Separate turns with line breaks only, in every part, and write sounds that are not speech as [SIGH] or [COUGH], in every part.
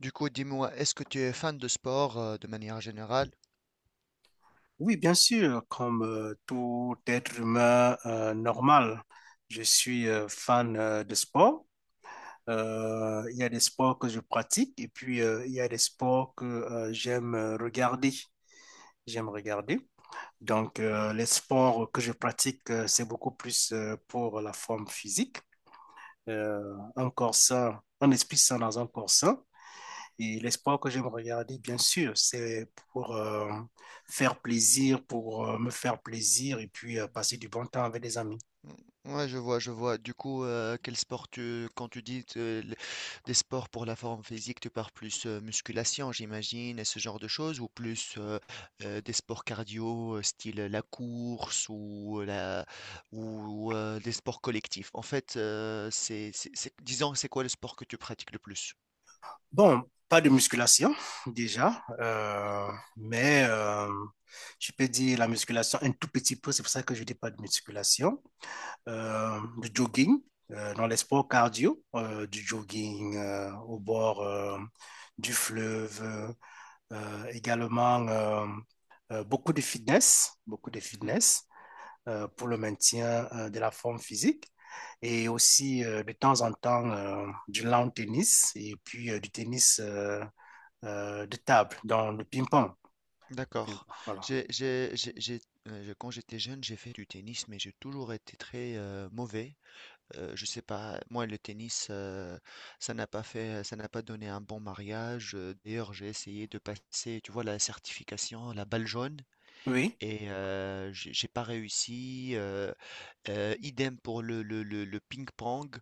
Du coup, dis-moi, est-ce que tu es fan de sport de manière générale?
Oui, bien sûr, comme tout être humain normal, je suis fan de sport. Il y a des sports que je pratique et puis il y a des sports que j'aime regarder. J'aime regarder. Donc, les sports que je pratique, c'est beaucoup plus pour la forme physique. Euh, un corps sain, un esprit sain dans un corps sain. Et l'espoir que j'aime regarder, bien sûr, c'est pour faire plaisir, pour me faire plaisir et puis passer du bon temps avec des amis.
Mm, Ouais, je vois, je vois. Du coup, quel sport quand tu dis des sports pour la forme physique, tu parles plus musculation, j'imagine, et ce genre de choses, ou plus des sports cardio, style la course ou la ou des sports collectifs. En fait, c'est disons, c'est quoi le sport que tu pratiques le plus?
Bon, pas de musculation déjà, mais je peux dire la musculation un tout petit peu, c'est pour ça que je dis pas de musculation, du jogging, dans les sports cardio, du jogging au bord du fleuve, également beaucoup de fitness, beaucoup de fitness. Pour le maintien de la forme physique et aussi de temps en temps du lawn tennis et puis du tennis de table, dans le ping-pong. Le
D'accord.
ping-pong. Voilà.
J'ai, j'ai, j'ai, j'ai- quand j'étais jeune, j'ai fait du tennis, mais j'ai toujours été très mauvais. Je sais pas, moi le tennis, ça n'a pas donné un bon mariage. D'ailleurs, j'ai essayé de passer, tu vois, la certification, la balle jaune,
Oui,
et j'ai pas réussi. Idem pour le ping-pong.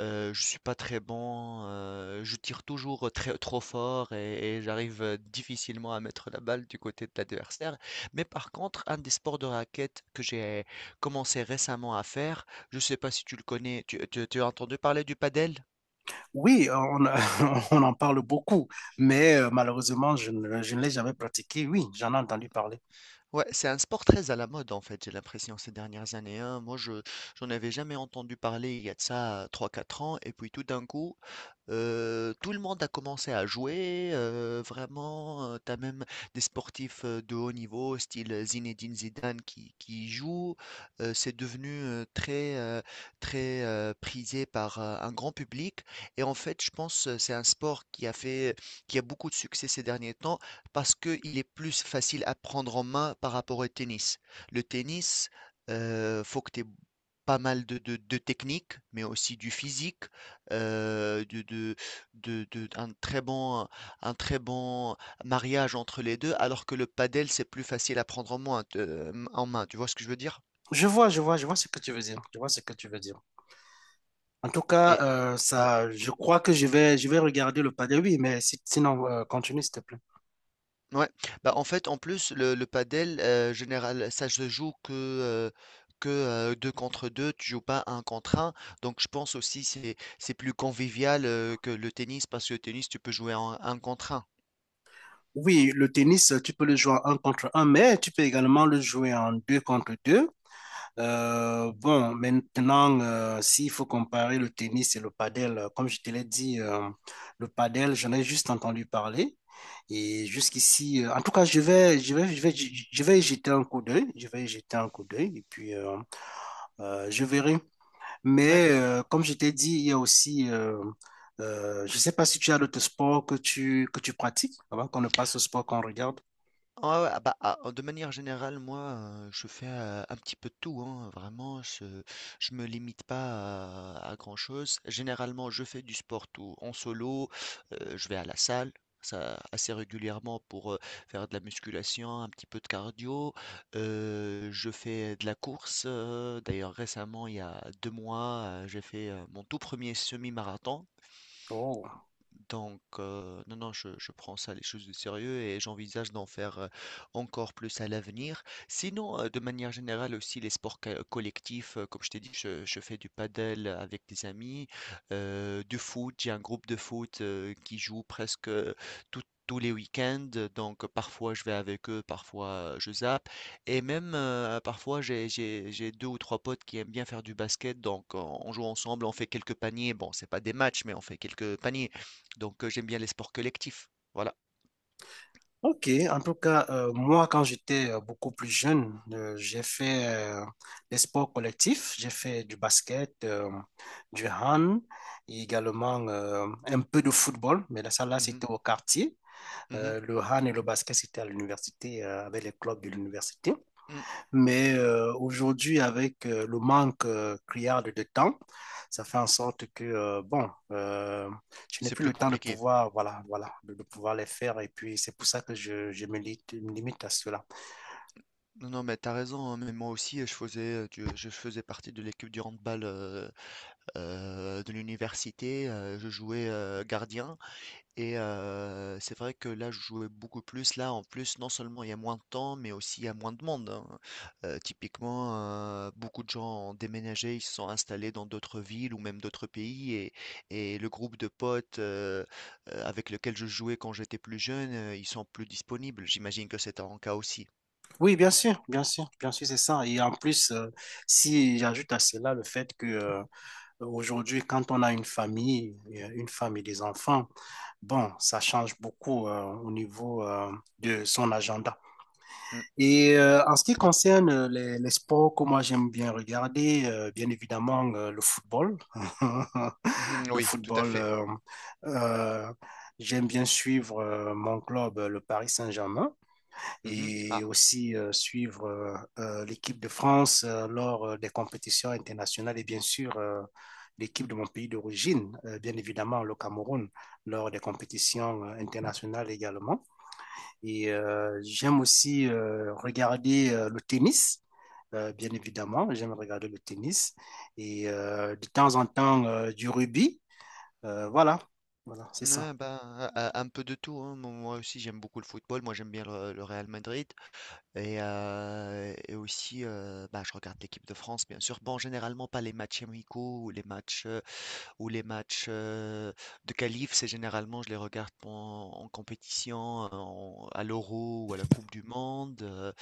Je suis pas très bon, je tire toujours très, trop fort et j'arrive difficilement à mettre la balle du côté de l'adversaire. Mais par contre, un des sports de raquette que j'ai commencé récemment à faire, je sais pas si tu le connais, tu as entendu parler du padel?
oui, [LAUGHS] on en parle beaucoup, mais malheureusement, je ne l'ai jamais pratiqué. Oui, j'en ai entendu parler.
Ouais, c'est un sport très à la mode en fait, j'ai l'impression ces dernières années, hein. Moi, je j'en avais jamais entendu parler il y a de ça trois quatre ans, et puis tout d'un coup, tout le monde a commencé à jouer. Vraiment, tu as même des sportifs de haut niveau, style Zinedine Zidane, qui y jouent. C'est devenu très prisé par un grand public. Et en fait, je pense c'est un sport qui a beaucoup de succès ces derniers temps parce qu'il est plus facile à prendre en main par rapport au tennis. Le tennis, faut que tu aies pas mal de technique, mais aussi du physique, euh, de, de, un très bon mariage entre les deux, alors que le padel, c'est plus facile à prendre en main, en main. Tu vois ce que je veux dire?
Je vois, je vois, je vois ce que tu veux dire. Je vois ce que tu veux dire. En tout cas,
Et
ça, je crois que je vais regarder le padel. Oui, mais sinon, continue, s'il te plaît.
Ouais, bah, en fait, en plus, le padel, général, ça se joue que, deux contre deux, tu joues pas un contre un. Donc, je pense aussi c'est plus convivial que le tennis parce que le tennis, tu peux jouer en un contre un.
Oui, le tennis, tu peux le jouer en un contre un, mais tu peux également le jouer en deux contre deux. Bon, maintenant, s'il faut comparer le tennis et le padel, comme je te l'ai dit, le padel, j'en ai juste entendu parler. Et jusqu'ici, en tout cas, je vais y jeter un coup d'œil. Je vais y jeter un coup d'œil et puis je verrai.
Ouais.
Mais comme je t'ai dit, il y a aussi, je ne sais pas si tu as d'autres sports que tu pratiques avant qu'on ne passe au sport qu'on regarde.
Ah ouais, ah bah, ah, de manière générale, moi, je fais un petit peu de tout, hein, vraiment, je me limite pas à grand-chose. Généralement, je fais du sport tout en solo, je vais à la salle, ça assez régulièrement pour faire de la musculation, un petit peu de cardio. Je fais de la course, d'ailleurs récemment, il y a deux mois, j'ai fait mon tout premier semi-marathon.
Oh.
Donc, non, non, je prends ça les choses de sérieux et j'envisage d'en faire encore plus à l'avenir. Sinon, de manière générale aussi, les sports collectifs, comme je t'ai dit, je fais du paddle avec des amis, du foot, j'ai un groupe de foot qui joue presque tous les week-ends, donc parfois je vais avec eux, parfois je zappe, et même parfois j'ai deux ou trois potes qui aiment bien faire du basket, donc on joue ensemble, on fait quelques paniers, bon c'est pas des matchs, mais on fait quelques paniers, donc, j'aime bien les sports collectifs. Voilà.
Ok, en tout cas, moi, quand j'étais beaucoup plus jeune, j'ai fait des sports collectifs. J'ai fait du basket, du hand, et également un peu de football, mais là, ça, là,
Mmh mh.
c'était au quartier.
Mmh.
Le hand et le basket, c'était à l'université, avec les clubs de l'université.
Mmh.
Mais aujourd'hui, avec le manque criard de temps, ça fait en sorte que, bon, je n'ai
C'est
plus
plus
le temps de
compliqué.
pouvoir, voilà, voilà, de pouvoir les faire. Et puis, c'est pour ça que je me limite à cela.
Non, non, mais t'as raison, hein, mais moi aussi, je faisais, du je faisais partie de l'équipe du handball, de l'université, je jouais, gardien et c'est vrai que là, je jouais beaucoup plus. Là, en plus, non seulement il y a moins de temps, mais aussi il y a moins de monde, hein. Typiquement, beaucoup de gens ont déménagé, ils se sont installés dans d'autres villes ou même d'autres pays et le groupe de potes, avec lesquels je jouais quand j'étais plus jeune, ils sont plus disponibles. J'imagine que c'est ton cas aussi.
Oui, bien sûr, bien sûr, bien sûr, c'est ça. Et en plus, si j'ajoute à cela le fait que aujourd'hui, quand on a une famille, une femme et des enfants, bon, ça change beaucoup au niveau de son agenda.
Mm,
Et en ce qui concerne les sports que moi j'aime bien regarder, bien évidemment le football. [LAUGHS]
mhm,
Le
oui, tout à
football,
fait.
euh, j'aime bien suivre mon club, le Paris Saint-Germain,
Mhm.
et
Ah,
aussi suivre l'équipe de France lors des compétitions internationales et bien sûr l'équipe de mon pays d'origine, bien évidemment le Cameroun, lors des compétitions internationales également. Et j'aime aussi regarder le tennis, bien évidemment. J'aime regarder le tennis et de temps en temps du rugby. Voilà, voilà, c'est ça.
ah, bah, un peu de tout, hein. Moi aussi, j'aime beaucoup le football. Moi, j'aime bien le Real Madrid. Et aussi, bah, je regarde l'équipe de France, bien sûr. Bon, généralement pas les matchs amicaux ou les matchs de qualif. C'est généralement, je les regarde en compétition, à l'Euro ou à la Coupe du Monde.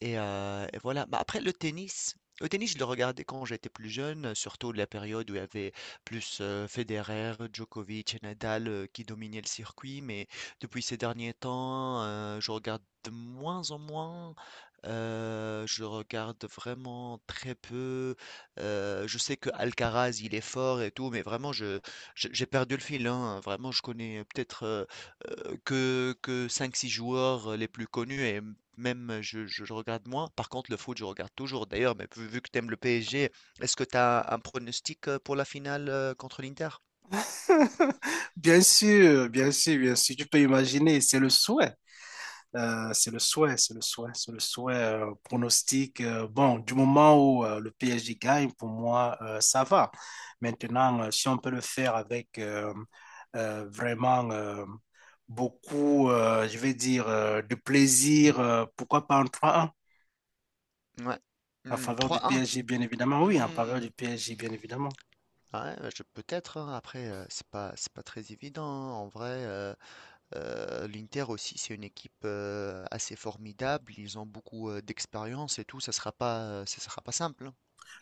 Et voilà. Bah, après le tennis, je le regardais quand j'étais plus jeune, surtout de la période où il y avait plus, Federer, Djokovic et Nadal, qui dominaient le circuit. Mais depuis ces derniers temps, je regarde de moins en moins. Je regarde vraiment très peu. Je sais que Alcaraz il est fort et tout, mais vraiment je j'ai perdu le fil, hein. Vraiment, je connais peut-être, que cinq six joueurs, les plus connus et même je regarde moins. Par contre, le foot, je regarde toujours. D'ailleurs, mais vu que tu aimes le PSG, est-ce que tu as un pronostic pour la finale contre l'Inter?
[LAUGHS] Bien sûr, bien sûr, bien sûr. Tu peux imaginer, c'est le souhait. C'est le souhait, c'est le souhait, c'est le souhait pronostic. Bon, du moment où le PSG gagne, pour moi, ça va. Maintenant, si on peut le faire avec vraiment beaucoup, je vais dire, de plaisir, pourquoi pas en trois 1
Ouais.
en
Hmm,
faveur du
3-1.
PSG, bien évidemment. Oui, en faveur
Hmm.
du PSG, bien évidemment.
Ouais, bah, peut-être, hein. Après, c'est pas très évident, hein. En vrai, l'Inter aussi, c'est une équipe assez formidable. Ils ont beaucoup d'expérience et tout. Ça sera pas simple, hein.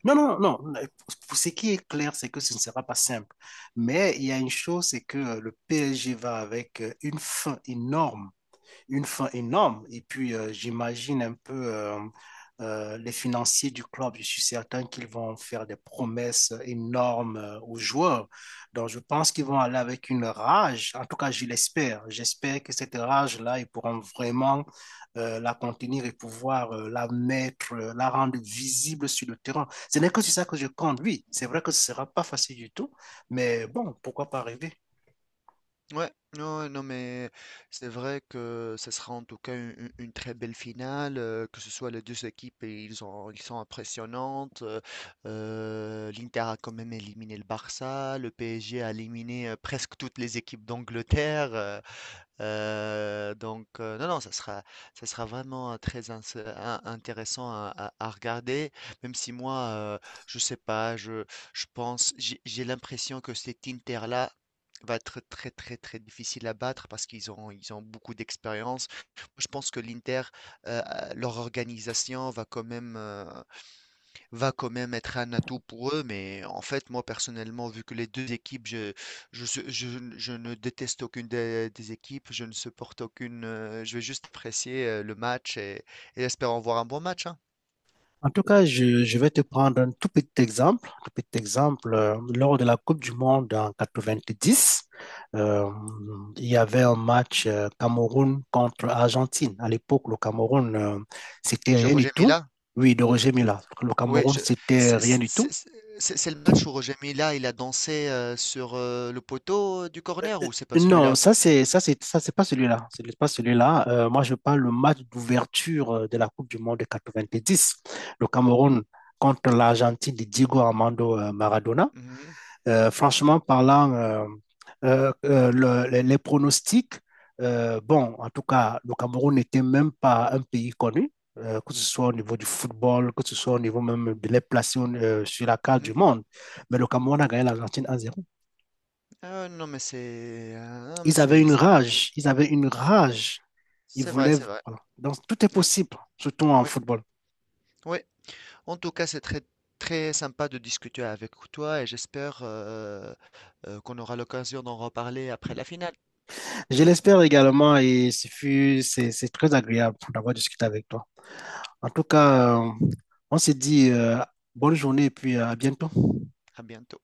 Non, non, non. Pour ce qui est clair, c'est que ce ne sera pas simple. Mais il y a une chose, c'est que le PSG va avec une faim énorme une fin énorme. Et puis, j'imagine un peu les financiers du club. Je suis certain qu'ils vont faire des promesses énormes aux joueurs. Donc, je pense qu'ils vont aller avec une rage. En tout cas, je l'espère. J'espère que cette rage-là, ils pourront vraiment la contenir et pouvoir la mettre, la rendre visible sur le terrain. Ce n'est que sur ça que je compte. Oui, c'est vrai que ce ne sera pas facile du tout, mais bon, pourquoi pas rêver?
Ouais, non, ouais, non, mais c'est vrai que ce sera en tout cas une très belle finale, que ce soit les deux équipes, et ils sont impressionnantes. L'Inter a quand même éliminé le Barça, le PSG a éliminé presque toutes les équipes d'Angleterre. Donc, non, non, ça sera vraiment intéressant à regarder, même si moi, euh, je sais pas, je pense, j'ai l'impression que cet Inter-là va être très difficile à battre parce ils ont beaucoup d'expérience. Je pense que l'Inter, leur organisation va quand même être un atout pour eux. Mais en fait, moi personnellement, vu que les deux équipes, je, su- je n- je ne déteste aucune des équipes, je ne supporte aucune. Je vais juste apprécier le match et espérons voir un bon match, hein.
En tout cas, je vais te prendre un tout petit exemple. Un tout petit exemple, lors de la Coupe du Monde en 90, euh, il y avait un match Cameroun contre Argentine. À l'époque, le Cameroun, c'était
Je
rien du
Roger
tout.
Mila.
Oui, de Roger Mila. Le
Oui,
Cameroun, c'était
c'est
rien
c'est-
du tout.
c'est- c'est le match où Roger Mila il a dansé sur le poteau du corner ou c'est pas
Non,
celui-là?
ça c'est pas celui-là. C'est pas celui-là. Moi, je parle le match d'ouverture de la Coupe du Monde de 10. Le Cameroun contre l'Argentine de Diego Armando Maradona.
Mhm,
Franchement parlant, les pronostics, bon, en tout cas, le Cameroun n'était même pas un pays connu, que ce soit au niveau du football, que ce soit au niveau même de les placer sur la carte
mhm.
du monde. Mais le Cameroun a gagné l'Argentine 1-0.
Ah non mais
Ils avaient une
c'est vrai,
rage, ils avaient une rage. Ils
c'est vrai,
voulaient.
c'est vrai.
Voilà. Donc, tout est
Ouais,
possible, surtout en
oui,
football.
oui. En tout cas, c'est très, très sympa de discuter avec toi et j'espère qu'on aura l'occasion d'en reparler après la finale.
Je l'espère également et c'est très agréable d'avoir discuté avec toi. En tout cas, on se dit bonne journée et puis à bientôt.
À bientôt.